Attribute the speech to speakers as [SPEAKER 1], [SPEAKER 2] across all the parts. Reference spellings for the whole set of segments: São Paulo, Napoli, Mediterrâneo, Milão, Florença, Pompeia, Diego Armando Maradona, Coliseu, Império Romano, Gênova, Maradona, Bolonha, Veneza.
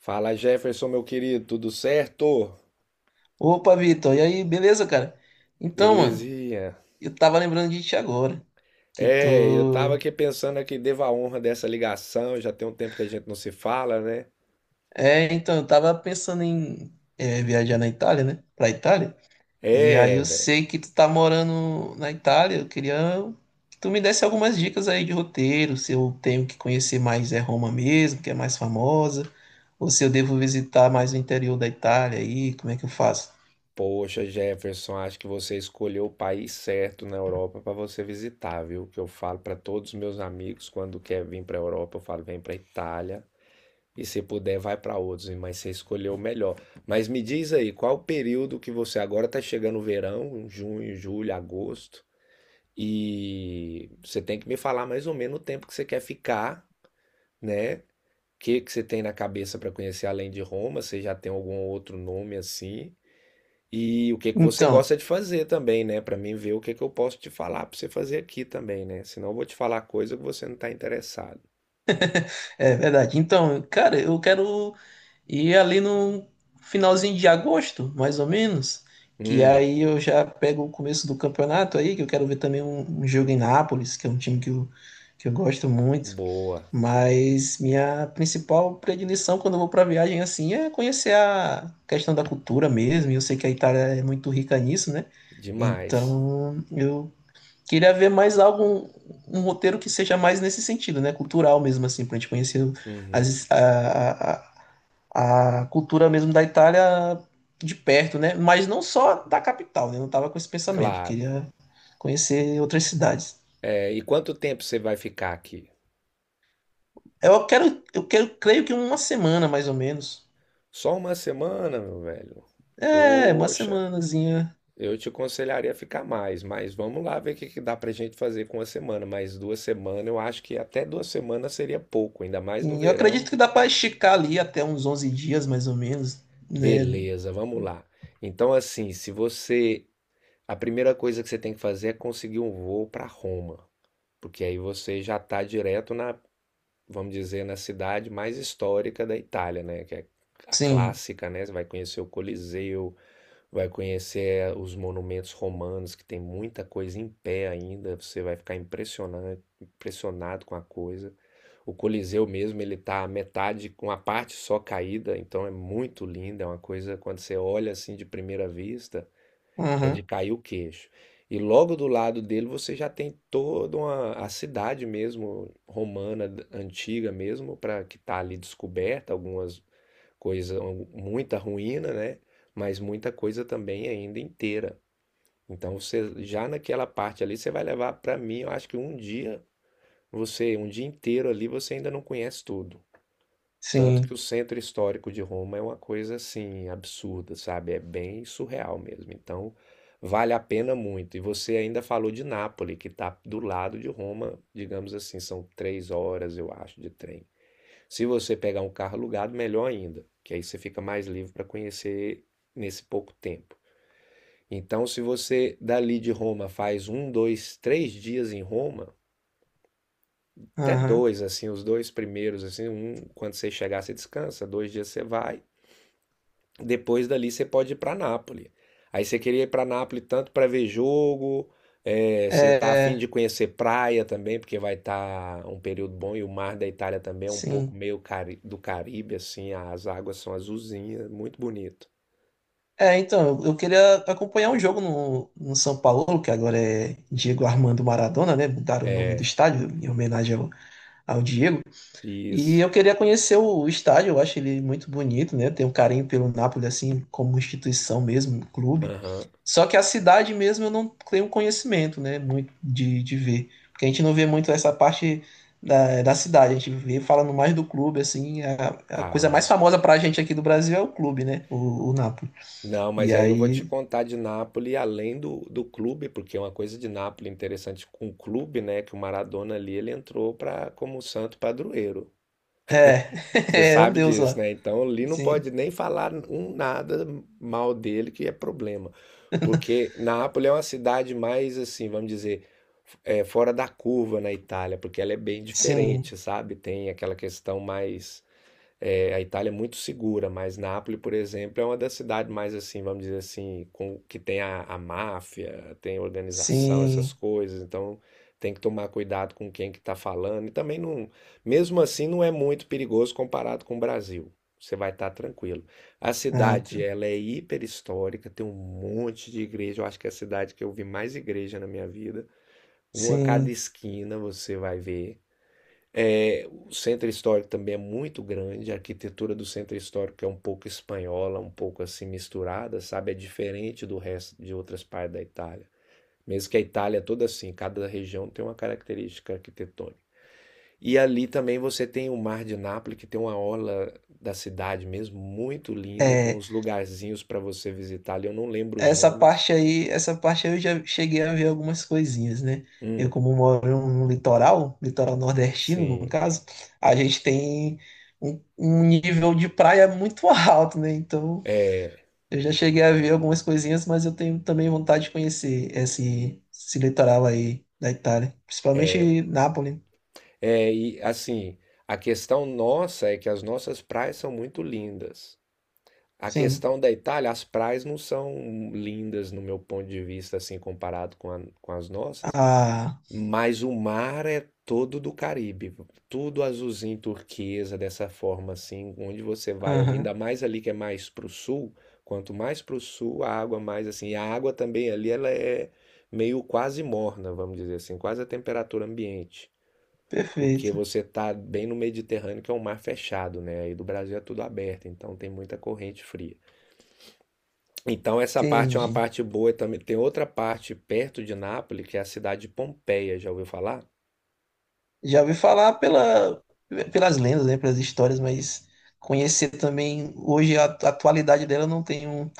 [SPEAKER 1] Fala Jefferson, meu querido, tudo certo?
[SPEAKER 2] Opa, Vitor, e aí, beleza, cara? Então, mano,
[SPEAKER 1] Belezinha.
[SPEAKER 2] eu tava lembrando de ti agora, que
[SPEAKER 1] É, eu
[SPEAKER 2] tô.
[SPEAKER 1] tava aqui pensando que devo a honra dessa ligação, já tem um tempo que a gente não se fala, né?
[SPEAKER 2] É, então, eu tava pensando em viajar na Itália, né? Pra Itália. E aí
[SPEAKER 1] É,
[SPEAKER 2] eu
[SPEAKER 1] velho.
[SPEAKER 2] sei que tu tá morando na Itália, eu queria que tu me desse algumas dicas aí de roteiro, se eu tenho que conhecer mais é Roma mesmo, que é mais famosa, ou se eu devo visitar mais o interior da Itália aí, como é que eu faço?
[SPEAKER 1] Poxa, Jefferson, acho que você escolheu o país certo na Europa pra você visitar, viu? Que eu falo pra todos os meus amigos quando quer vir pra Europa, eu falo, vem pra Itália e se puder vai pra outros, mas você escolheu o melhor. Mas me diz aí, qual o período que você agora tá chegando o verão, junho, julho, agosto? E você tem que me falar mais ou menos o tempo que você quer ficar, né? O que que você tem na cabeça para conhecer além de Roma? Você já tem algum outro nome assim? E o que que você
[SPEAKER 2] Então,
[SPEAKER 1] gosta de fazer também, né? Para mim ver o que que eu posso te falar para você fazer aqui também, né? Senão eu vou te falar coisa que você não está interessado.
[SPEAKER 2] é verdade. Então, cara, eu quero. E ali no finalzinho de agosto, mais ou menos, que
[SPEAKER 1] Hum,
[SPEAKER 2] aí eu já pego o começo do campeonato aí, que eu quero ver também um jogo em Nápoles, que é um time que eu gosto muito.
[SPEAKER 1] boa,
[SPEAKER 2] Mas minha principal predileção quando eu vou para viagem assim é conhecer a questão da cultura mesmo. E eu sei que a Itália é muito rica nisso, né?
[SPEAKER 1] demais.
[SPEAKER 2] Então eu queria ver mais algo, um roteiro que seja mais nesse sentido, né? Cultural mesmo, assim, para a gente conhecer
[SPEAKER 1] Uhum,
[SPEAKER 2] as, a, a cultura mesmo da Itália de perto, né? Mas não só da capital, né? Eu não tava com esse pensamento,
[SPEAKER 1] claro.
[SPEAKER 2] queria conhecer outras cidades.
[SPEAKER 1] É, e quanto tempo você vai ficar aqui?
[SPEAKER 2] Eu quero, creio que uma semana mais ou menos.
[SPEAKER 1] Só uma semana, meu velho.
[SPEAKER 2] É, uma
[SPEAKER 1] Poxa.
[SPEAKER 2] semanazinha.
[SPEAKER 1] Eu te aconselharia a ficar mais, mas vamos lá ver o que que dá pra gente fazer com uma semana. Mas 2 semanas, eu acho que até 2 semanas seria pouco, ainda mais no
[SPEAKER 2] Sim, eu
[SPEAKER 1] verão.
[SPEAKER 2] acredito que dá para esticar ali até uns 11 dias mais ou menos, né?
[SPEAKER 1] Beleza, vamos lá. Então, assim, se você. A primeira coisa que você tem que fazer é conseguir um voo para Roma, porque aí você já tá direto na, vamos dizer, na cidade mais histórica da Itália, né? Que é a
[SPEAKER 2] Sim.
[SPEAKER 1] clássica, né? Você vai conhecer o Coliseu. Vai conhecer os monumentos romanos, que tem muita coisa em pé ainda, você vai ficar impressionado, impressionado com a coisa. O Coliseu mesmo, ele tá a metade, com a parte só caída, então é muito lindo, é uma coisa, quando você olha assim de primeira vista, é de
[SPEAKER 2] Uhum.
[SPEAKER 1] cair o queixo. E logo do lado dele você já tem toda uma, a cidade mesmo, romana, antiga mesmo, para que tá ali descoberta, algumas coisa, um, muita ruína, né? Mas muita coisa também ainda inteira. Então você já naquela parte ali você vai levar para mim, eu acho que um dia, você, um dia inteiro ali você ainda não conhece tudo. Tanto que o
[SPEAKER 2] Sim.
[SPEAKER 1] centro histórico de Roma é uma coisa assim absurda, sabe? É bem surreal mesmo. Então vale a pena muito. E você ainda falou de Nápoles, que está do lado de Roma, digamos assim, são 3 horas, eu acho, de trem. Se você pegar um carro alugado, melhor ainda, que aí você fica mais livre para conhecer nesse pouco tempo. Então, se você dali de Roma faz um, dois, 3 dias em Roma, até
[SPEAKER 2] Uhum.
[SPEAKER 1] dois, assim, os dois primeiros, assim, um, quando você chegar, você descansa, 2 dias você vai. Depois dali você pode ir para Nápoles. Aí você queria ir para Nápoles tanto para ver jogo, é, você tá afim
[SPEAKER 2] É,
[SPEAKER 1] de conhecer praia também, porque vai estar um período bom e o mar da Itália também é um pouco
[SPEAKER 2] sim.
[SPEAKER 1] meio do Caribe, assim, as águas são azulzinhas, muito bonito.
[SPEAKER 2] É, então, eu queria acompanhar um jogo no São Paulo, que agora é Diego Armando Maradona, né? Mudaram o nome do
[SPEAKER 1] É,
[SPEAKER 2] estádio em homenagem ao Diego. E
[SPEAKER 1] isso.
[SPEAKER 2] eu queria conhecer o estádio, eu acho ele muito bonito, né? Tenho um carinho pelo Napoli, assim, como instituição mesmo, um clube.
[SPEAKER 1] Aham.
[SPEAKER 2] Só que a cidade mesmo eu não tenho conhecimento, né? Muito de ver. Porque a gente não vê muito essa parte da cidade, a gente vê falando mais do clube, assim. A coisa mais
[SPEAKER 1] Ah,
[SPEAKER 2] famosa pra gente aqui do Brasil é o clube, né? O Napoli.
[SPEAKER 1] não,
[SPEAKER 2] E
[SPEAKER 1] mas aí eu vou te
[SPEAKER 2] aí
[SPEAKER 1] contar de Nápoles além do clube, porque é uma coisa de Nápoles interessante com o clube, né? Que o Maradona ali ele entrou para como santo padroeiro. Você
[SPEAKER 2] é, é um
[SPEAKER 1] sabe
[SPEAKER 2] deus
[SPEAKER 1] disso,
[SPEAKER 2] lá.
[SPEAKER 1] né? Então, ali não
[SPEAKER 2] Sim,
[SPEAKER 1] pode nem falar um nada mal dele, que é problema. Porque Nápoles é uma cidade mais, assim, vamos dizer, é, fora da curva na Itália, porque ela é bem
[SPEAKER 2] sim,
[SPEAKER 1] diferente, sabe? Tem aquela questão mais é, a Itália é muito segura, mas Nápoles, por exemplo, é uma das cidades mais assim, vamos dizer assim, com, que tem a máfia, tem organização, essas
[SPEAKER 2] sim.
[SPEAKER 1] coisas. Então tem que tomar cuidado com quem que está falando. E também não, mesmo assim, não é muito perigoso comparado com o Brasil. Você vai estar tranquilo. A
[SPEAKER 2] Ah,
[SPEAKER 1] cidade,
[SPEAKER 2] tá.
[SPEAKER 1] ela é hiper histórica, tem um monte de igreja. Eu acho que é a cidade que eu vi mais igreja na minha vida. Uma a cada
[SPEAKER 2] Sim.
[SPEAKER 1] esquina você vai ver. É, o centro histórico também é muito grande, a arquitetura do centro histórico é um pouco espanhola, um pouco assim misturada, sabe? É diferente do resto de outras partes da Itália. Mesmo que a Itália é toda assim, cada região tem uma característica arquitetônica. E ali também você tem o Mar de Nápoles, que tem uma orla da cidade mesmo muito linda, tem
[SPEAKER 2] É,
[SPEAKER 1] uns lugarzinhos para você visitar ali, eu não lembro os nomes.
[SPEAKER 2] essa parte aí eu já cheguei a ver algumas coisinhas, né? Eu,
[SPEAKER 1] Hum,
[SPEAKER 2] como moro no litoral, litoral nordestino, no
[SPEAKER 1] sim.
[SPEAKER 2] caso, a gente tem um nível de praia muito alto, né? Então,
[SPEAKER 1] É,
[SPEAKER 2] eu já cheguei a ver algumas coisinhas, mas eu tenho também vontade de conhecer esse litoral aí da Itália,
[SPEAKER 1] é,
[SPEAKER 2] principalmente Nápoles.
[SPEAKER 1] É, e assim, a questão nossa é que as nossas praias são muito lindas. A
[SPEAKER 2] Sim.
[SPEAKER 1] questão da Itália, as praias não são lindas no meu ponto de vista, assim, comparado com, com as nossas,
[SPEAKER 2] Ah,
[SPEAKER 1] mas o mar é todo do Caribe, tudo azulzinho turquesa, dessa forma, assim, onde você vai ali, ainda
[SPEAKER 2] aham.
[SPEAKER 1] mais ali que é mais pro sul, quanto mais pro sul, a água mais assim, e a água também ali, ela é meio quase morna, vamos dizer assim, quase a temperatura ambiente. Porque
[SPEAKER 2] Perfeito.
[SPEAKER 1] você tá bem no Mediterrâneo, que é um mar fechado, né? Aí do Brasil é tudo aberto, então tem muita corrente fria. Então essa parte é uma
[SPEAKER 2] Entendi.
[SPEAKER 1] parte boa também. Tem outra parte perto de Nápoles, que é a cidade de Pompeia, já ouviu falar?
[SPEAKER 2] Já ouvi falar pelas lendas, né, pelas histórias, mas conhecer também hoje a atualidade dela eu não tenho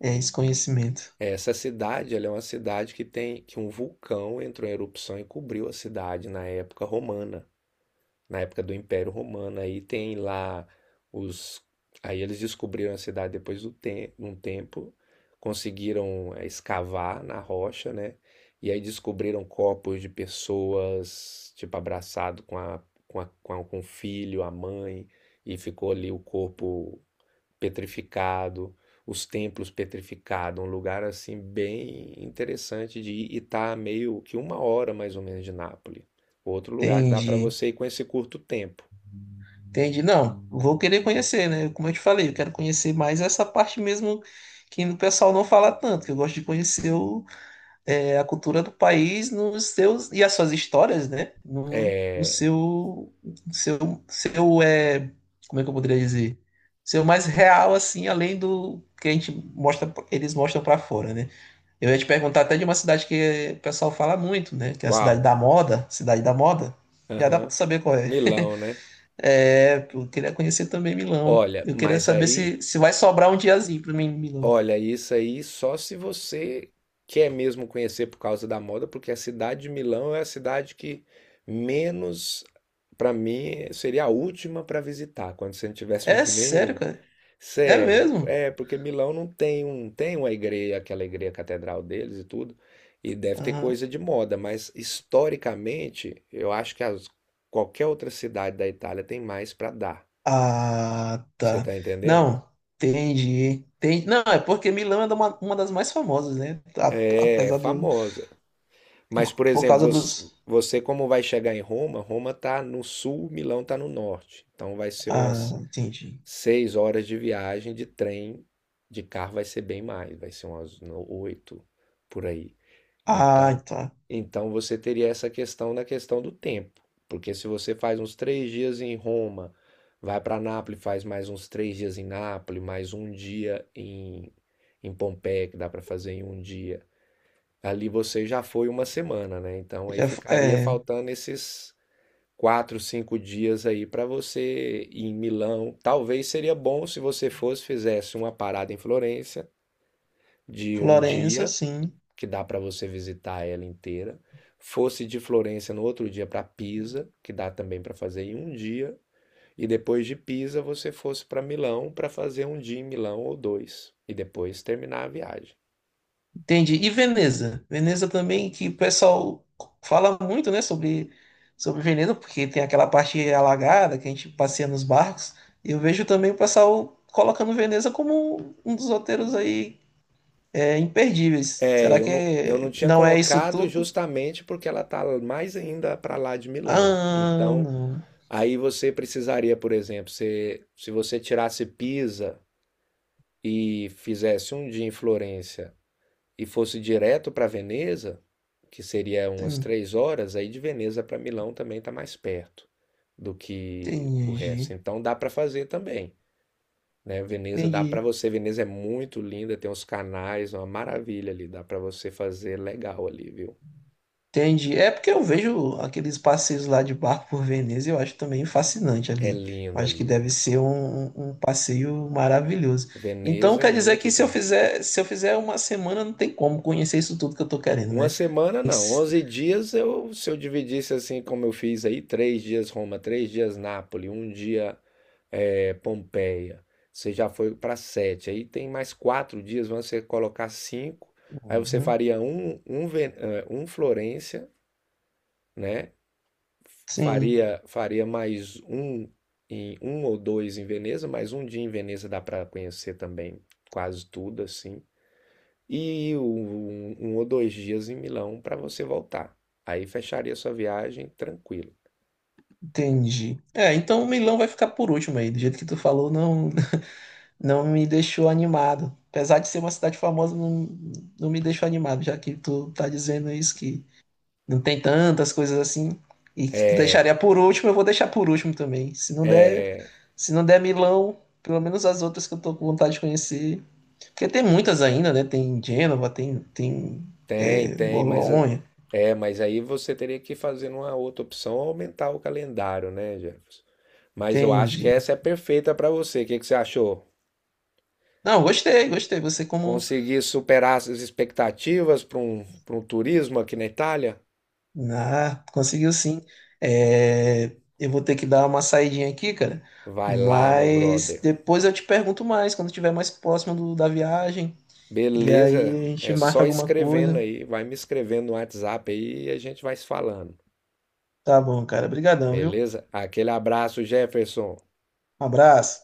[SPEAKER 2] esse conhecimento.
[SPEAKER 1] Essa cidade, ela é uma cidade que tem que um vulcão entrou em erupção e cobriu a cidade na época romana, na época do Império Romano. Aí tem lá os. Aí eles descobriram a cidade depois um tempo, conseguiram escavar na rocha, né? E aí descobriram corpos de pessoas, tipo, abraçado com a, com o filho, a mãe, e ficou ali o corpo petrificado, os templos petrificados, um lugar assim bem interessante de ir e tá meio que uma hora mais ou menos de Nápoles. Outro lugar que dá para
[SPEAKER 2] Entendi.
[SPEAKER 1] você ir com esse curto tempo.
[SPEAKER 2] Entendi. Não, vou querer conhecer, né? Como eu te falei, eu quero conhecer mais essa parte mesmo que o pessoal não fala tanto, que eu gosto de conhecer o a cultura do país nos seus e as suas histórias, né? No
[SPEAKER 1] É,
[SPEAKER 2] seu, seu, seu, é, como é que eu poderia dizer? Seu mais real, assim, além do que a gente mostra, eles mostram pra fora, né? Eu ia te perguntar até de uma cidade que o pessoal fala muito, né? Que é a cidade
[SPEAKER 1] qual?
[SPEAKER 2] da moda, cidade da moda. Já dá pra tu
[SPEAKER 1] Aham.
[SPEAKER 2] saber qual é.
[SPEAKER 1] Milão, né?
[SPEAKER 2] É, eu queria conhecer também Milão.
[SPEAKER 1] Olha,
[SPEAKER 2] Eu queria
[SPEAKER 1] mas
[SPEAKER 2] saber
[SPEAKER 1] aí,
[SPEAKER 2] se vai sobrar um diazinho pra mim em Milão.
[SPEAKER 1] olha, isso aí só se você quer mesmo conhecer por causa da moda, porque a cidade de Milão é a cidade que menos, para mim, seria a última para visitar, quando você não tivesse
[SPEAKER 2] É
[SPEAKER 1] mais
[SPEAKER 2] sério,
[SPEAKER 1] nenhuma.
[SPEAKER 2] cara? É
[SPEAKER 1] Sério,
[SPEAKER 2] mesmo?
[SPEAKER 1] é porque Milão não tem um, tem uma igreja, aquela igreja catedral deles e tudo, e deve ter coisa de moda, mas historicamente eu acho que qualquer outra cidade da Itália tem mais para dar.
[SPEAKER 2] Ah,
[SPEAKER 1] Você
[SPEAKER 2] tá.
[SPEAKER 1] tá entendendo?
[SPEAKER 2] Não, entendi. Tem, não, é porque Milão é uma das mais famosas, né? A-
[SPEAKER 1] É, é
[SPEAKER 2] apesar do.
[SPEAKER 1] famosa. Mas, por
[SPEAKER 2] Por
[SPEAKER 1] exemplo,
[SPEAKER 2] causa dos.
[SPEAKER 1] você como vai chegar em Roma? Roma tá no sul, Milão tá no norte. Então vai ser
[SPEAKER 2] Ah,
[SPEAKER 1] umas
[SPEAKER 2] entendi.
[SPEAKER 1] 6 horas de viagem de trem, de carro vai ser bem mais, vai ser umas oito por aí. Então,
[SPEAKER 2] Ah, tá.
[SPEAKER 1] então você teria essa questão na questão do tempo, porque se você faz uns 3 dias em Roma, vai para Nápoles, faz mais uns 3 dias em Nápoles, mais um dia em, em Pompeia, que dá para fazer em um dia. Ali você já foi uma semana, né? Então aí
[SPEAKER 2] Já, f-
[SPEAKER 1] ficaria
[SPEAKER 2] é,
[SPEAKER 1] faltando esses 4, 5 dias aí para você ir em Milão. Talvez seria bom se você fosse, fizesse uma parada em Florença de um
[SPEAKER 2] Florença,
[SPEAKER 1] dia
[SPEAKER 2] sim.
[SPEAKER 1] que dá para você visitar ela inteira. Fosse de Florença no outro dia para Pisa, que dá também para fazer em um dia. E depois de Pisa, você fosse para Milão para fazer um dia em Milão ou dois. E depois terminar a viagem.
[SPEAKER 2] Entendi. E Veneza? Veneza também, que o pessoal fala muito, né, sobre Veneza, porque tem aquela parte alagada que a gente passeia nos barcos. E eu vejo também o pessoal colocando Veneza como um dos roteiros aí é, imperdíveis.
[SPEAKER 1] É,
[SPEAKER 2] Será que
[SPEAKER 1] eu não tinha
[SPEAKER 2] não é isso
[SPEAKER 1] colocado
[SPEAKER 2] tudo?
[SPEAKER 1] justamente porque ela está mais ainda para lá de Milão.
[SPEAKER 2] Ah,
[SPEAKER 1] Então,
[SPEAKER 2] não.
[SPEAKER 1] aí você precisaria, por exemplo, se você tirasse Pisa e fizesse um dia em Florença e fosse direto para Veneza, que seria umas 3 horas, aí de Veneza para Milão também está mais perto do que o resto.
[SPEAKER 2] Entendi.
[SPEAKER 1] Então dá para fazer também, né? Veneza dá para
[SPEAKER 2] Entendi.
[SPEAKER 1] você. Veneza é muito linda, tem uns canais, uma maravilha ali. Dá para você fazer legal ali, viu?
[SPEAKER 2] Entendi. É porque eu vejo aqueles passeios lá de barco por Veneza e eu acho também fascinante
[SPEAKER 1] É
[SPEAKER 2] ali. Eu
[SPEAKER 1] lindo
[SPEAKER 2] acho que
[SPEAKER 1] ali,
[SPEAKER 2] deve
[SPEAKER 1] viu?
[SPEAKER 2] ser um passeio maravilhoso. Então
[SPEAKER 1] Veneza é
[SPEAKER 2] quer dizer
[SPEAKER 1] muito
[SPEAKER 2] que
[SPEAKER 1] linda.
[SPEAKER 2] se eu fizer uma semana, não tem como conhecer isso tudo que eu tô querendo,
[SPEAKER 1] Uma
[SPEAKER 2] né?
[SPEAKER 1] semana não,
[SPEAKER 2] Esse-
[SPEAKER 1] 11 dias eu, se eu dividisse assim como eu fiz aí, 3 dias Roma, 3 dias Nápoles, um dia é, Pompeia. Você já foi para sete. Aí tem mais 4 dias, vão você colocar cinco. Aí você
[SPEAKER 2] Uhum.
[SPEAKER 1] faria um, um, um Florência, né?
[SPEAKER 2] Sim,
[SPEAKER 1] Faria, faria mais um em um ou dois em Veneza, mais um dia em Veneza dá para conhecer também quase tudo assim. E um ou dois dias em Milão para você voltar. Aí fecharia sua viagem tranquilo.
[SPEAKER 2] entendi. É, então o Milão vai ficar por último aí. Do jeito que tu falou, não, não me deixou animado. Apesar de ser uma cidade famosa, não, não me deixou animado, já que tu tá dizendo isso, que não tem tantas coisas assim. E que tu
[SPEAKER 1] É,
[SPEAKER 2] deixaria por último, eu vou deixar por último também. Se não der Milão, pelo menos as outras que eu tô com vontade de conhecer. Porque tem muitas ainda, né? Tem Gênova, tem é,
[SPEAKER 1] Tem, mas
[SPEAKER 2] Bolonha,
[SPEAKER 1] mas aí você teria que fazer uma outra opção, aumentar o calendário, né, Jefferson? Mas eu
[SPEAKER 2] tem.
[SPEAKER 1] acho que
[SPEAKER 2] Ge-
[SPEAKER 1] essa é perfeita para você. O que que você achou?
[SPEAKER 2] Não, gostei, gostei. Você, como.
[SPEAKER 1] Conseguir superar as expectativas para um turismo aqui na Itália?
[SPEAKER 2] Ah, conseguiu sim. É, eu vou ter que dar uma saidinha aqui, cara.
[SPEAKER 1] Vai lá, meu
[SPEAKER 2] Mas
[SPEAKER 1] brother.
[SPEAKER 2] depois eu te pergunto mais, quando estiver mais próximo do- da viagem. E
[SPEAKER 1] Beleza?
[SPEAKER 2] aí a gente
[SPEAKER 1] É
[SPEAKER 2] marca
[SPEAKER 1] só
[SPEAKER 2] alguma
[SPEAKER 1] escrevendo
[SPEAKER 2] coisa.
[SPEAKER 1] aí, vai me escrevendo no WhatsApp aí e a gente vai se falando.
[SPEAKER 2] Tá bom, cara. Obrigadão, viu?
[SPEAKER 1] Beleza? Aquele abraço, Jefferson.
[SPEAKER 2] Um abraço.